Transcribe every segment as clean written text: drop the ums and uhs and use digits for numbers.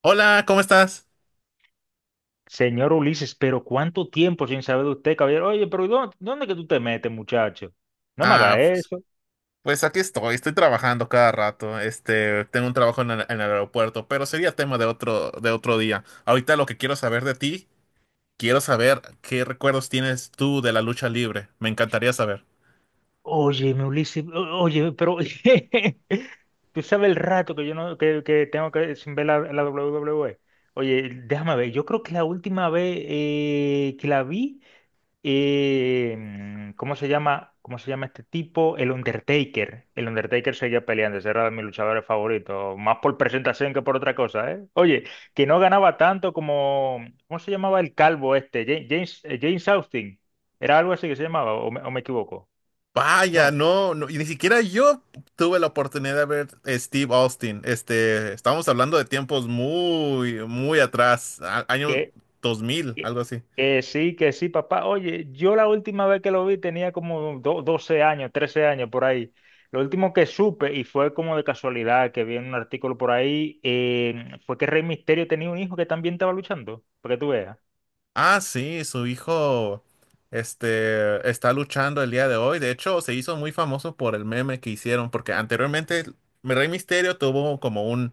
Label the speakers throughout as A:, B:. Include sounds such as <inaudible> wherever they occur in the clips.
A: Hola, ¿cómo estás?
B: Señor Ulises, pero ¿cuánto tiempo sin saber de usted, caballero? Oye, pero ¿dónde que tú te metes, muchacho? No me
A: Ah,
B: haga
A: pues,
B: eso.
A: aquí estoy, estoy trabajando cada rato. Este, tengo un trabajo en el aeropuerto, pero sería tema de otro día. Ahorita lo que quiero saber de ti, quiero saber qué recuerdos tienes tú de la lucha libre. Me encantaría saber.
B: Oye, Ulises, oye, pero <laughs> tú sabes el rato que yo no que, que tengo que sin ver la WWE. Oye, déjame ver, yo creo que la última vez que la vi. ¿Cómo se llama? ¿Cómo se llama este tipo? El Undertaker. El Undertaker seguía peleando, ese era de mis luchadores favoritos, más por presentación que por otra cosa, ¿eh? Oye, que no ganaba tanto como, ¿cómo se llamaba el calvo este? James, James Austin. ¿Era algo así que se llamaba o me equivoco?
A: Vaya,
B: No,
A: no, no, y ni siquiera yo tuve la oportunidad de ver Steve Austin. Este, estamos hablando de tiempos muy, muy atrás, año
B: que
A: 2000,
B: Que,
A: algo así.
B: que sí, papá. Oye, yo la última vez que lo vi tenía como 12 años, 13 años por ahí. Lo último que supe, y fue como de casualidad que vi en un artículo por ahí, fue que Rey Misterio tenía un hijo que también estaba luchando, para que tú veas.
A: Ah, sí, su hijo este, está luchando el día de hoy. De hecho, se hizo muy famoso por el meme que hicieron, porque anteriormente Rey Misterio tuvo como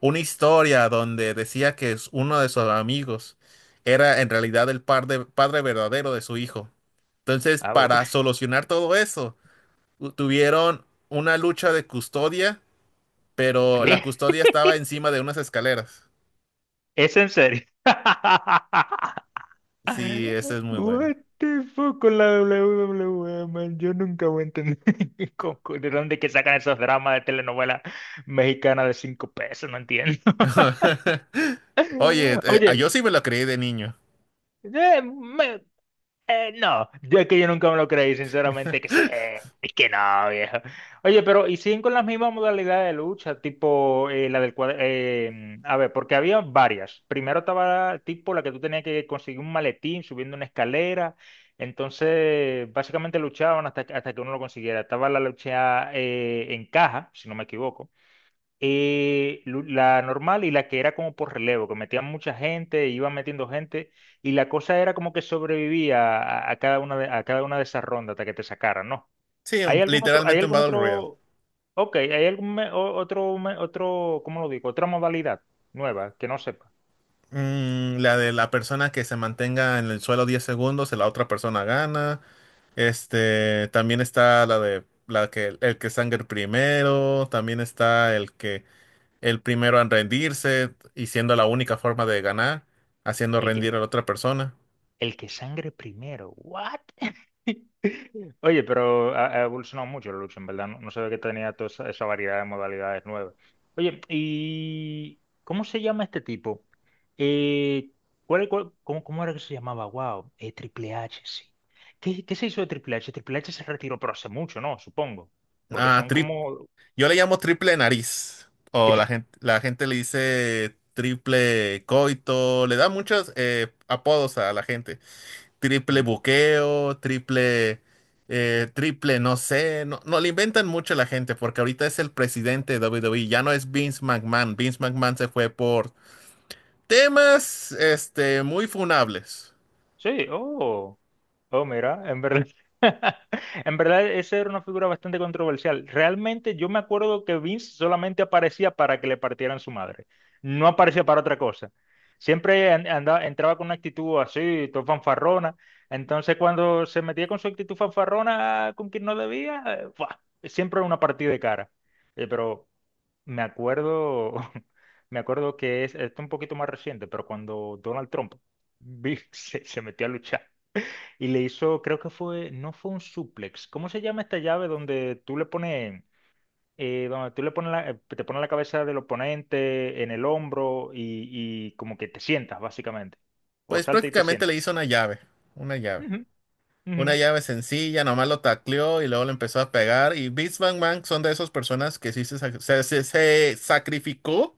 A: una historia donde decía que es uno de sus amigos era en realidad el padre verdadero de su hijo. Entonces,
B: Ah, voy.
A: para
B: <laughs>
A: solucionar todo eso, tuvieron una lucha de custodia, pero la
B: ¿Qué?
A: custodia estaba encima de unas escaleras.
B: ¿Es en serio? <laughs>
A: Sí, esa es muy buena.
B: What the fuck con la WWE, man. Yo nunca voy a entender <laughs> de dónde que sacan esos dramas de telenovela mexicana de cinco pesos, no entiendo.
A: <laughs> Oye,
B: <laughs>
A: yo
B: Oye,
A: sí me lo creí de niño.
B: eh, me- no, yo es que yo nunca me lo creí, sinceramente,
A: <laughs>
B: es que no, viejo. Oye, pero y siguen con las mismas modalidades de lucha, tipo la del cuadro, a ver, porque había varias. Primero estaba tipo la que tú tenías que conseguir un maletín subiendo una escalera, entonces básicamente luchaban hasta que uno lo consiguiera. Estaba la lucha en caja, si no me equivoco. La normal y la que era como por relevo, que metían mucha gente, iban metiendo gente, y la cosa era como que sobrevivía a cada una a cada una de esas rondas hasta que te sacaran, ¿no?
A: Sí,
B: Hay
A: literalmente un
B: algún
A: Battle Royale.
B: otro, ok, hay algún me- o- otro, me- otro, ¿cómo lo digo? Otra modalidad nueva que no sepa.
A: Mm, la de la persona que se mantenga en el suelo 10 segundos, la otra persona gana. Este, también está la de la que el que sangre primero, también está el que el primero en rendirse y siendo la única forma de ganar, haciendo
B: El que,
A: rendir a la otra persona.
B: El que sangre primero. ¿What? <laughs> Oye, pero ha evolucionado mucho la lucha, en verdad. No, no sabía que tenía toda esa variedad de modalidades nuevas. Oye, ¿y cómo se llama este tipo? Eh, ¿Cómo, cómo era que se llamaba? Wow, Triple H, sí. ¿Qué, qué se hizo de Triple H? Triple H se retiró, pero hace mucho, ¿no? Supongo. Porque
A: Ah,
B: son como…
A: yo le llamo triple nariz. O la gente le dice triple coito. Le da muchos apodos a la gente.
B: <laughs>
A: Triple
B: Ujú.
A: buqueo, triple no sé. No, no, le inventan mucho a la gente porque ahorita es el presidente de WWE. Ya no es Vince McMahon. Vince McMahon se fue por temas este, muy funables.
B: Sí, oh. Oh, mira, en verdad, <laughs> en verdad esa era una figura bastante controversial. Realmente yo me acuerdo que Vince solamente aparecía para que le partieran su madre. No aparecía para otra cosa. Siempre andaba, entraba con una actitud así, todo fanfarrona. Entonces cuando se metía con su actitud fanfarrona con quien no debía, ¡fua! Siempre era una partida de cara. Pero me acuerdo, <laughs> me acuerdo que esto es un poquito más reciente, pero cuando Donald Trump <laughs> se metió a luchar. Y le hizo, creo que fue, no fue un suplex. ¿Cómo se llama esta llave donde tú le pones, te pones la cabeza del oponente en el hombro y como que te sientas, básicamente? O
A: Pues
B: salta y te
A: prácticamente
B: sientas.
A: le hizo una llave. Una llave.
B: Ujú, ujú,
A: Una llave sencilla, nomás lo tacleó y luego le empezó a pegar. Y Vince McMahon son de esas personas que sí se, sacrificó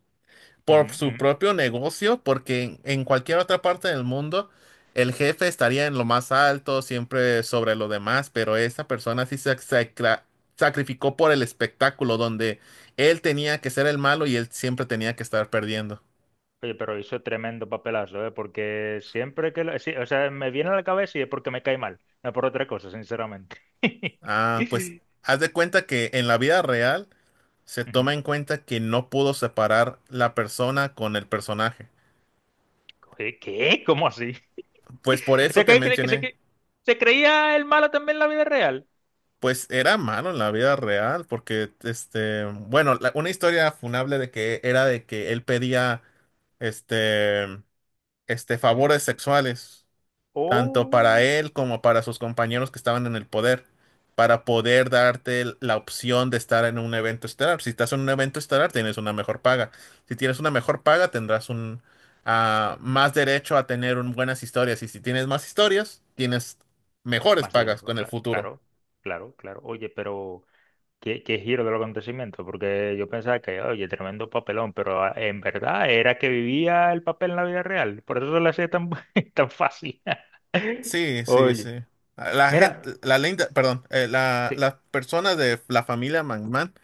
A: por
B: ujú,
A: su
B: ujú.
A: propio negocio, porque en cualquier otra parte del mundo el jefe estaría en lo más alto, siempre sobre lo demás, pero esta persona sí se sacrificó por el espectáculo, donde él tenía que ser el malo y él siempre tenía que estar perdiendo.
B: Oye, pero hizo tremendo papelazo, ¿eh? Porque siempre que lo, sí, o sea, me viene a la cabeza y es porque me cae mal, no por otra cosa, sinceramente. <laughs>
A: Ah, pues haz de cuenta que en la vida real se
B: Ujú.
A: toma en cuenta que no pudo separar la persona con el personaje.
B: Oye, ¿qué? ¿Cómo así?
A: Pues por
B: <laughs> O
A: eso
B: sea,
A: te mencioné.
B: que se creía el malo también en la vida real.
A: Pues era malo en la vida real, porque este, bueno, una historia funable de que era de que él pedía este, este,
B: Ujú.
A: favores sexuales, tanto para
B: O
A: él como para sus compañeros que estaban en el poder, para poder darte la opción de estar en un evento estelar. Si estás en un evento estelar, tienes una mejor paga. Si tienes una mejor paga, tendrás un ah, más derecho a tener buenas historias. Y si tienes más historias, tienes mejores
B: más
A: pagas
B: dinero,
A: con el futuro.
B: claro, claro, claro. Oye, pero ¿qué, qué giro del acontecimiento? Porque yo pensaba que, oye, tremendo papelón, pero ah, en verdad era que vivía el papel en la vida real. Por eso se le hacía tan, <laughs> tan fácil. <laughs>
A: Sí, sí,
B: Oye,
A: sí. La gente,
B: mira,
A: la linda, perdón, la,
B: sí,
A: las personas de la familia McMahon,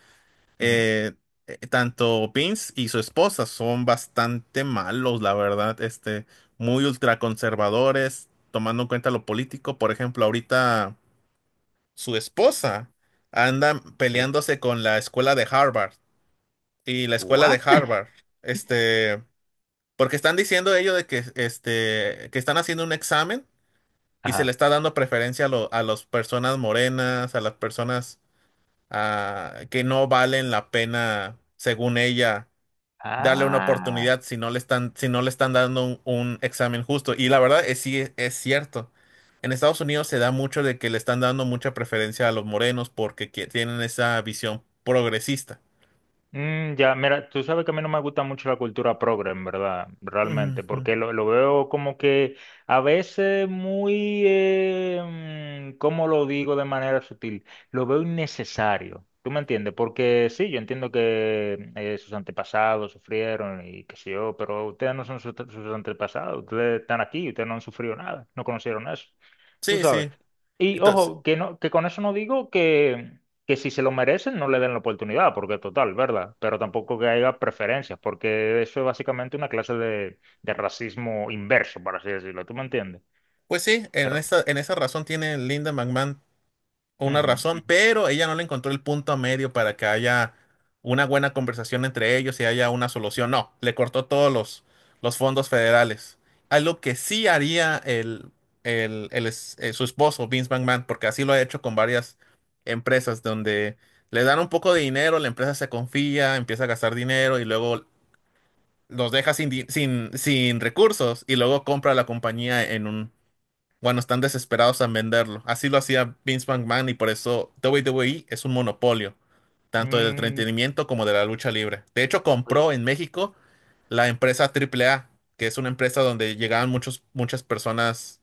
B: ujú,
A: eh, tanto Vince y su esposa son bastante malos, la verdad, este, muy ultraconservadores, tomando en cuenta lo político. Por ejemplo, ahorita su esposa anda
B: sí.
A: peleándose con la escuela de Harvard y la escuela
B: ¿What?
A: de Harvard, este, porque están diciendo ellos de que, este, que están haciendo un examen y se le
B: Ajá.
A: está dando preferencia a, a las personas morenas, a las personas ah, que no valen la pena, según ella, darle una
B: Ah.
A: oportunidad si no le están, si no le están dando un examen justo. Y la verdad es sí es cierto. En Estados Unidos se da mucho de que le están dando mucha preferencia a los morenos porque que- tienen esa visión progresista.
B: Mm, ya, mira, tú sabes que a mí no me gusta mucho la cultura progre, en verdad,
A: Ujú,
B: realmente,
A: ujú.
B: porque lo veo como que a veces muy, ¿cómo lo digo de manera sutil? Lo veo innecesario, ¿tú me entiendes? Porque sí, yo entiendo que sus antepasados sufrieron y qué sé yo, pero ustedes no son sus antepasados, ustedes están aquí, ustedes no han sufrido nada, no conocieron eso, tú
A: Sí,
B: sabes.
A: sí.
B: Y
A: Entonces,
B: ojo, no, que con eso no digo que si se lo merecen no le den la oportunidad, porque total, ¿verdad? Pero tampoco que haya preferencias, porque eso es básicamente una clase de racismo inverso, por así decirlo, ¿tú me entiendes?
A: pues sí,
B: Pero,
A: en esa razón tiene Linda McMahon una
B: ujú,
A: razón,
B: ujú.
A: pero ella no le encontró el punto medio para que haya una buena conversación entre ellos y haya una solución. No, le cortó todos los fondos federales. Algo que sí haría el, su esposo, Vince McMahon, porque así lo ha hecho con varias empresas donde le dan un poco de dinero, la empresa se confía, empieza a gastar dinero y luego los deja sin, sin, sin recursos y luego compra la compañía, bueno, están desesperados en venderlo. Así lo hacía Vince McMahon y por eso WWE es un monopolio, tanto del
B: Mm,
A: entretenimiento como de la lucha libre. De hecho,
B: sí,
A: compró en México la empresa AAA, que es una empresa donde llegaban muchos, muchas personas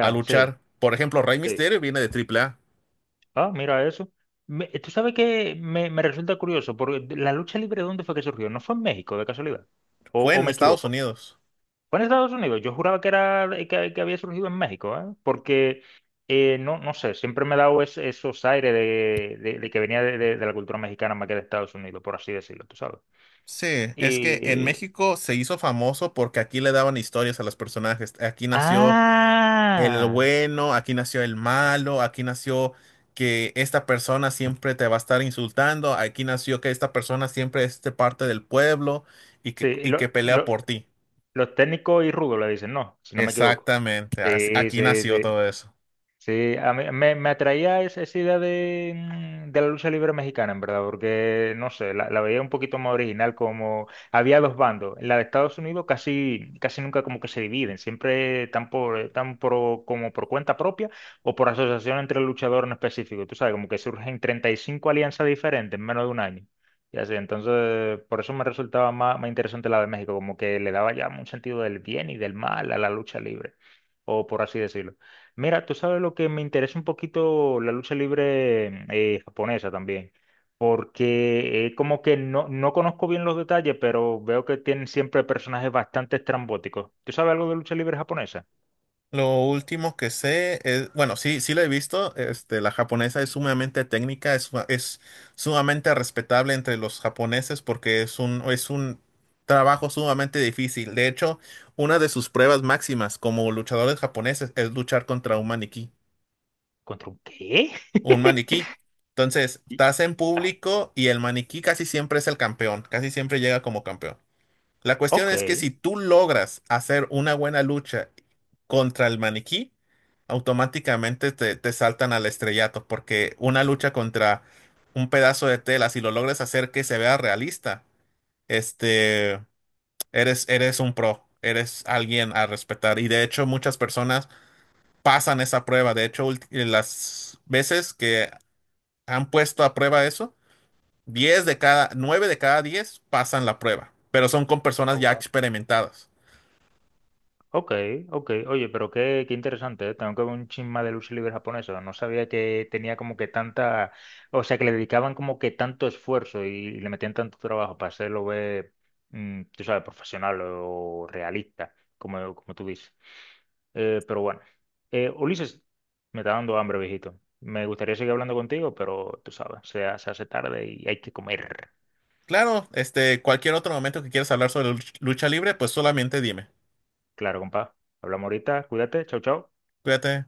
A: a
B: sí,
A: luchar. Por ejemplo, Rey
B: sí.
A: Mysterio viene de AAA.
B: Ah, mira eso. Tú sabes que me resulta curioso, porque la lucha libre, ¿dónde fue que surgió? ¿No fue en México, de casualidad?
A: Fue
B: O
A: en
B: me
A: Estados
B: equivoco?
A: Unidos.
B: Fue en Estados Unidos. Yo juraba que era que había surgido en México, ¿eh? Porque no, no sé, siempre me he dado esos aires de que venía de la cultura mexicana más que de Estados Unidos, por así decirlo, tú sabes.
A: Sí, es que en
B: Y.
A: México se hizo famoso porque aquí le daban historias a los personajes. Aquí nació el
B: ¡Ah!
A: bueno, aquí nació el malo, aquí nació que esta persona siempre te va a estar insultando, aquí nació que esta persona siempre es de parte del pueblo
B: Sí,
A: y que pelea por ti.
B: los técnicos y rudos le dicen, no, si no me equivoco.
A: Exactamente, así-
B: Sí,
A: aquí
B: sí,
A: nació
B: sí.
A: todo eso.
B: Sí, a mí me atraía esa idea de, de la lucha libre mexicana, en verdad, porque no sé, la veía un poquito más original, como había dos bandos. En la de Estados Unidos casi, casi nunca como que se dividen, siempre tan por, están por- como por cuenta propia o por asociación entre luchadores en específico. Tú sabes, como que surgen 35 alianzas diferentes en menos de un año. Y así, entonces, por eso me resultaba más, más interesante la de México, como que le daba ya un sentido del bien y del mal a la lucha libre, o por así decirlo. Mira, tú sabes lo que me interesa un poquito la lucha libre japonesa también, porque como que no, no conozco bien los detalles, pero veo que tienen siempre personajes bastante estrambóticos. ¿Tú sabes algo de lucha libre japonesa?
A: Lo último que sé es, bueno, sí, sí la he visto, este, la japonesa es sumamente técnica, es, es sumamente respetable entre los japoneses porque es un trabajo sumamente difícil. De hecho, una de sus pruebas máximas como luchadores japoneses es luchar contra un maniquí,
B: ¿Contra un qué?
A: un
B: <laughs>
A: maniquí. Entonces,
B: Y-
A: estás en
B: ah.
A: público y el maniquí casi siempre es el campeón, casi siempre llega como campeón. La cuestión es que si tú logras hacer una buena lucha contra el maniquí, automáticamente te, te saltan al estrellato, porque una lucha contra un pedazo de tela, si lo logras hacer que se vea realista, este, eres, eres un pro, eres alguien a respetar. Y de hecho, muchas personas pasan esa prueba. De hecho, las veces que han puesto a prueba eso, 9 de cada 10 pasan la prueba, pero son con personas ya
B: Ok.
A: experimentadas.
B: Ok, ok. Oye, pero qué, qué interesante, ¿eh? Tengo que ver un chin más de lucha libre japonesa. No sabía que tenía como que tanta, o sea, que le dedicaban como que tanto esfuerzo y le metían tanto trabajo para hacerlo ver, tú sabes, profesional o realista, como, como tú dices. Pero bueno, Ulises, me está dando hambre, viejito. Me gustaría seguir hablando contigo, pero tú sabes, se hace tarde y hay que comer.
A: Claro, este, cualquier otro momento que quieras hablar sobre lucha libre, pues solamente dime.
B: Claro, compa. Hablamos ahorita, cuídate, chau, chau.
A: Cuídate.